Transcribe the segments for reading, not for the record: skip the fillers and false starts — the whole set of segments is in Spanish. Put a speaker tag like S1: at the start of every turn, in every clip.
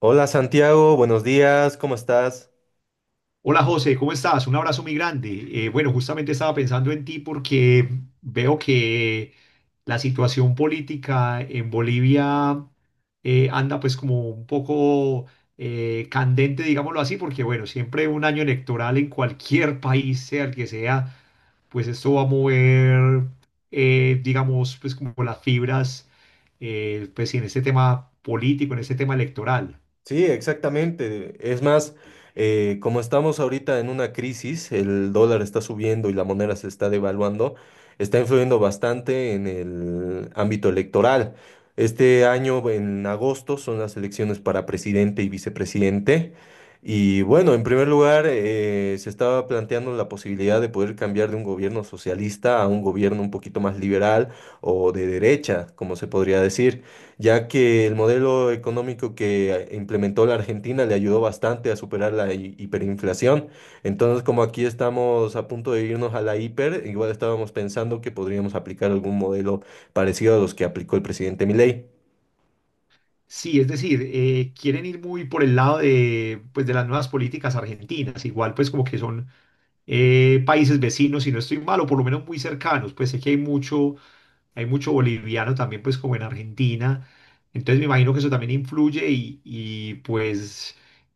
S1: Hola Santiago, buenos días, ¿cómo estás?
S2: Hola José, ¿cómo estás? Un abrazo muy grande. Bueno, justamente estaba pensando en ti porque veo que la situación política en Bolivia anda pues como un poco candente, digámoslo así, porque bueno, siempre un año electoral en cualquier país, sea el que sea, pues esto va a mover, digamos, pues como las fibras, pues en este tema político, en este tema electoral.
S1: Sí, exactamente. Es más, como estamos ahorita en una crisis, el dólar está subiendo y la moneda se está devaluando, está influyendo bastante en el ámbito electoral. Este año, en agosto, son las elecciones para presidente y vicepresidente. Y bueno, en primer lugar, se estaba planteando la posibilidad de poder cambiar de un gobierno socialista a un gobierno un poquito más liberal o de derecha, como se podría decir. Ya que el modelo económico que implementó la Argentina le ayudó bastante a superar la hiperinflación. Entonces, como aquí estamos a punto de irnos a la hiper, igual estábamos pensando que podríamos aplicar algún modelo parecido a los que aplicó el presidente Milei.
S2: Sí, es decir, quieren ir muy por el lado de, pues, de las nuevas políticas argentinas, igual pues como que son países vecinos, si no estoy mal, o por lo menos muy cercanos, pues sé que hay mucho boliviano también pues como en Argentina, entonces me imagino que eso también influye y pues,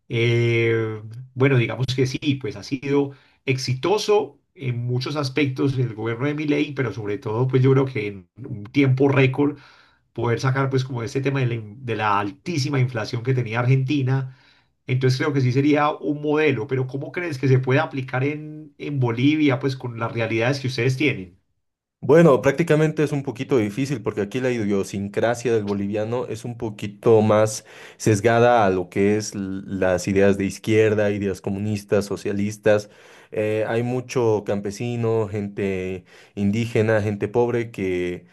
S2: eh, bueno, digamos que sí, pues ha sido exitoso en muchos aspectos el gobierno de Milei, pero sobre todo pues yo creo que en un tiempo récord poder sacar pues como este tema de la, de la altísima inflación que tenía Argentina. Entonces creo que sí sería un modelo, pero ¿cómo crees que se puede aplicar en Bolivia pues con las realidades que ustedes tienen?
S1: Bueno, prácticamente es un poquito difícil porque aquí la idiosincrasia del boliviano es un poquito más sesgada a lo que es las ideas de izquierda, ideas comunistas, socialistas. Hay mucho campesino, gente indígena, gente pobre que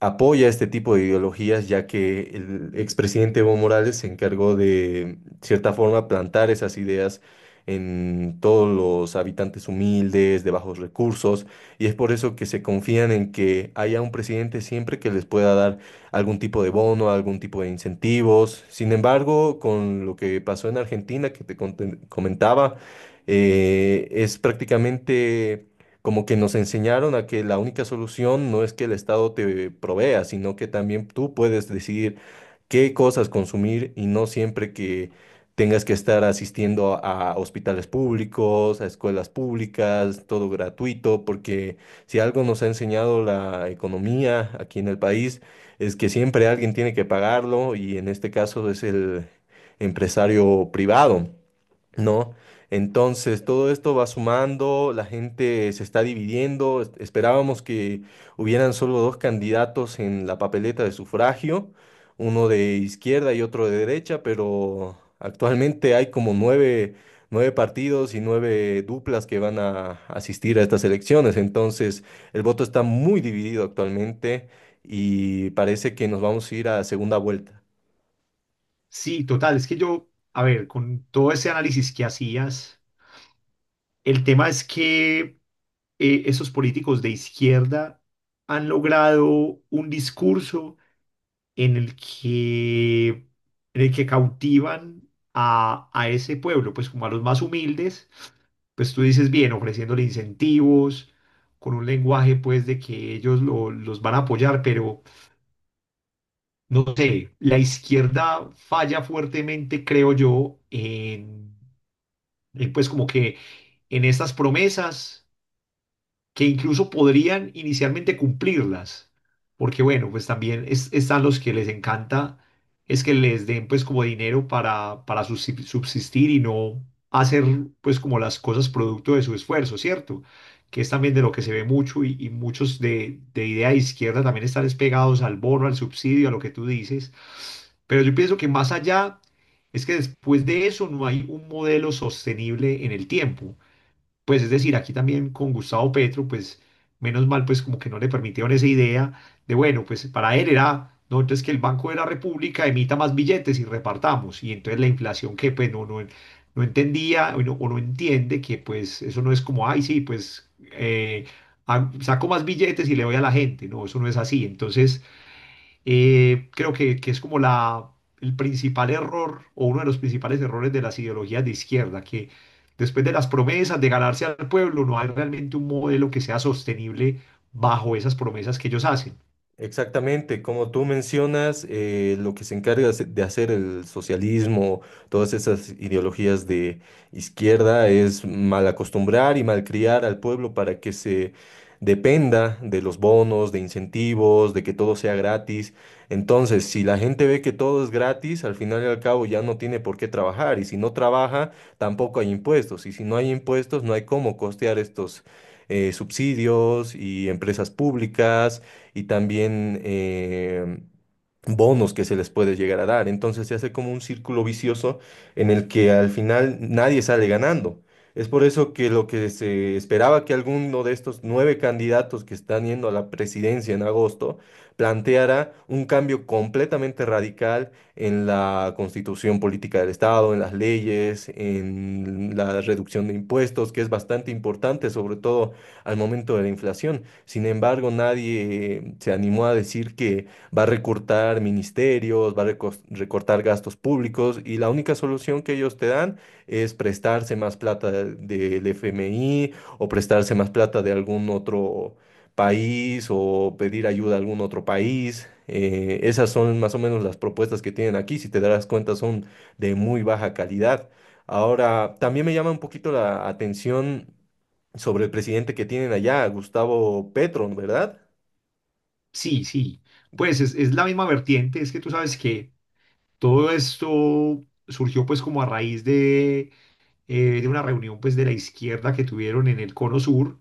S1: apoya este tipo de ideologías, ya que el expresidente Evo Morales se encargó de cierta forma plantar esas ideas en todos los habitantes humildes, de bajos recursos y es por eso que se confían en que haya un presidente siempre que les pueda dar algún tipo de bono, algún tipo de incentivos. Sin embargo, con lo que pasó en Argentina, que comentaba, es prácticamente como que nos enseñaron a que la única solución no es que el Estado te provea, sino que también tú puedes decidir qué cosas consumir y no siempre que tengas que estar asistiendo a hospitales públicos, a escuelas públicas, todo gratuito, porque si algo nos ha enseñado la economía aquí en el país es que siempre alguien tiene que pagarlo y en este caso es el empresario privado. ¿No? Entonces, todo esto va sumando, la gente se está dividiendo. Esperábamos que hubieran solo dos candidatos en la papeleta de sufragio, uno de izquierda y otro de derecha, pero actualmente hay como nueve, nueve partidos y nueve duplas que van a asistir a estas elecciones. Entonces, el voto está muy dividido actualmente y parece que nos vamos a ir a segunda vuelta.
S2: Sí, total, es que yo, a ver, con todo ese análisis que hacías, el tema es que esos políticos de izquierda han logrado un discurso en el que, en el que cautivan a ese pueblo, pues como a los más humildes, pues tú dices bien, ofreciéndole incentivos, con un lenguaje pues de que ellos los van a apoyar, pero no sé, la izquierda falla fuertemente, creo yo, en, pues como que en estas promesas que incluso podrían inicialmente cumplirlas, porque bueno, pues también están los que les encanta es que les den pues como dinero para subsistir y no hacer pues como las cosas producto de su esfuerzo, ¿cierto? Que es también de lo que se ve mucho y muchos de idea de izquierda también están despegados al bono, al subsidio, a lo que tú dices, pero yo pienso que más allá es que después de eso no hay un modelo sostenible en el tiempo. Pues es decir, aquí también con Gustavo Petro, pues menos mal, pues como que no le permitieron esa idea de, bueno, pues para él era, no, entonces que el Banco de la República emita más billetes y repartamos. Y entonces la inflación que pues no entendía o no entiende que pues eso no es como, ay, sí, pues ah, saco más billetes y le doy a la gente. No, eso no es así. Entonces… creo que es como la, el principal error o uno de los principales errores de las ideologías de izquierda, que después de las promesas de ganarse al pueblo, no hay realmente un modelo que sea sostenible bajo esas promesas que ellos hacen.
S1: Exactamente, como tú mencionas, lo que se encarga de hacer el socialismo, todas esas ideologías de izquierda, es mal acostumbrar y malcriar al pueblo para que se dependa de los bonos, de incentivos, de que todo sea gratis. Entonces, si la gente ve que todo es gratis, al final y al cabo ya no tiene por qué trabajar, y si no trabaja, tampoco hay impuestos, y si no hay impuestos, no hay cómo costear estos subsidios y empresas públicas y también bonos que se les puede llegar a dar. Entonces se hace como un círculo vicioso en el que al final nadie sale ganando. Es por eso que lo que se esperaba que alguno de estos nueve candidatos que están yendo a la presidencia en agosto planteara un cambio completamente radical en la constitución política del Estado, en las leyes, en la reducción de impuestos, que es bastante importante, sobre todo al momento de la inflación. Sin embargo, nadie se animó a decir que va a recortar ministerios, va a recortar gastos públicos y la única solución que ellos te dan es prestarse más plata del FMI o prestarse más plata de algún otro país o pedir ayuda a algún otro país. Esas son más o menos las propuestas que tienen aquí. Si te darás cuenta, son de muy baja calidad. Ahora, también me llama un poquito la atención sobre el presidente que tienen allá, Gustavo Petro, ¿verdad?
S2: Sí, sí, pues es la misma vertiente, es que tú sabes que todo esto surgió pues como a raíz de una reunión pues de la izquierda que tuvieron en el Cono Sur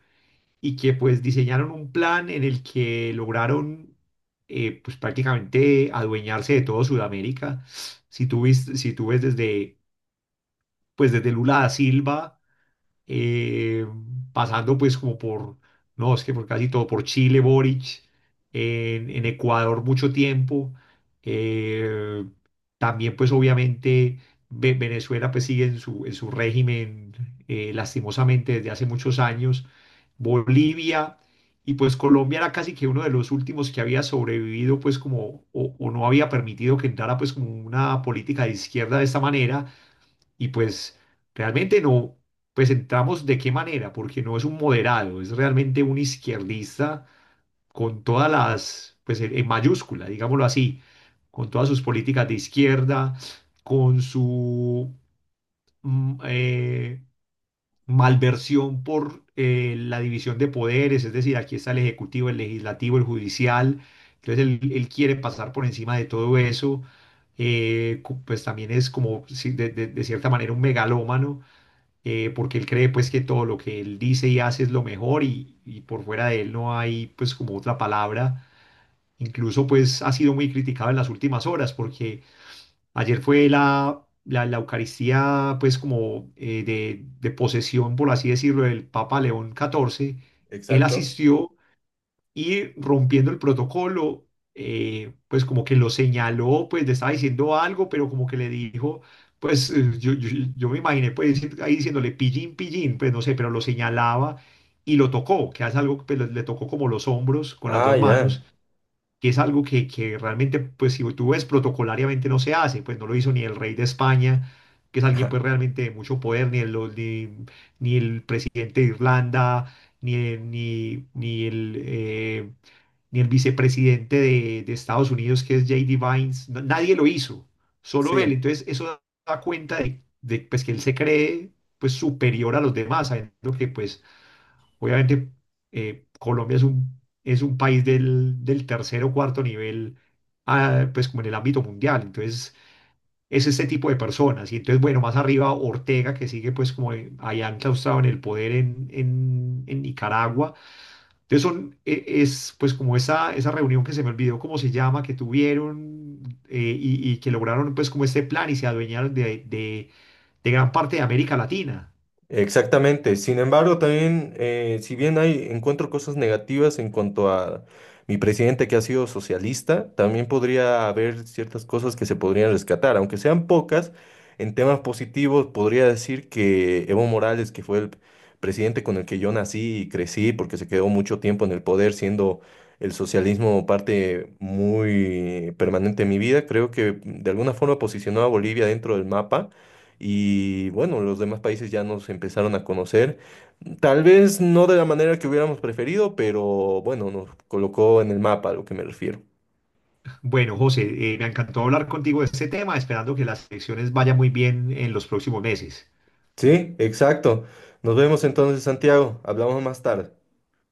S2: y que pues diseñaron un plan en el que lograron, pues prácticamente adueñarse de todo Sudamérica. Si tú ves desde pues desde Lula da Silva, eh, pasando pues como por, no, es que por casi todo, por Chile, Boric, en Ecuador mucho tiempo, eh, también pues obviamente Venezuela pues sigue en su régimen, lastimosamente desde hace muchos años, Bolivia y pues Colombia era casi que uno de los últimos que había sobrevivido pues como o no había permitido que entrara pues como una política de izquierda de esta manera y pues realmente no, pues entramos de qué manera, porque no es un moderado, es realmente un izquierdista con todas las, pues en mayúscula, digámoslo así, con todas sus políticas de izquierda, con su mm, eh, malversión por la división de poderes, es decir, aquí está el ejecutivo, el legislativo, el judicial, entonces él quiere pasar por encima de todo eso. Pues también es como, de cierta manera, un megalómano, porque él cree pues que todo lo que él dice y hace es lo mejor y por fuera de él no hay pues como otra palabra. Incluso pues ha sido muy criticado en las últimas horas porque ayer fue la, la, la Eucaristía pues como de posesión, por así decirlo, del Papa León XIV. Él
S1: Exacto.
S2: asistió y rompiendo el protocolo, pues como que lo señaló, pues le estaba diciendo algo, pero como que le dijo, pues yo me imaginé pues ahí diciéndole pillín, pillín, pues no sé, pero lo señalaba y lo tocó, que hace algo pues, le tocó como los hombros con las
S1: Ah,
S2: dos
S1: ya.
S2: manos, que es algo que realmente, pues si tú ves protocolariamente no se hace, pues no lo hizo ni el rey de España, que es alguien pues realmente de mucho poder, ni el, ni, ni el presidente de Irlanda, ni, ni, ni el, ni el vicepresidente de Estados Unidos, que es J.D. Vines, nadie lo hizo, solo él.
S1: Sí.
S2: Entonces, eso da cuenta de, pues, que él se cree pues, superior a los demás, sabiendo que, pues, obviamente, Colombia es un país del, del tercer o cuarto nivel, ah, pues, como en el ámbito mundial. Entonces, es este tipo de personas. Y entonces, bueno, más arriba Ortega, que sigue, pues, como allá enclaustrado en el poder en, en Nicaragua, entonces son, es pues como esa reunión que se me olvidó cómo se llama, que tuvieron, y que lograron pues como este plan y se adueñaron de gran parte de América Latina.
S1: Exactamente. Sin embargo, también, si bien hay, encuentro cosas negativas en cuanto a mi presidente que ha sido socialista, también podría haber ciertas cosas que se podrían rescatar, aunque sean pocas. En temas positivos, podría decir que Evo Morales, que fue el presidente con el que yo nací y crecí, porque se quedó mucho tiempo en el poder, siendo el socialismo parte muy permanente de mi vida, creo que de alguna forma posicionó a Bolivia dentro del mapa y bueno, los demás países ya nos empezaron a conocer. Tal vez no de la manera que hubiéramos preferido, pero bueno, nos colocó en el mapa a lo que me refiero.
S2: Bueno, José, me encantó hablar contigo de este tema, esperando que las elecciones vayan muy bien en los próximos meses.
S1: Sí, exacto. Nos vemos entonces, Santiago. Hablamos más tarde.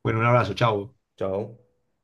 S2: Bueno, un abrazo, chao.
S1: Chao.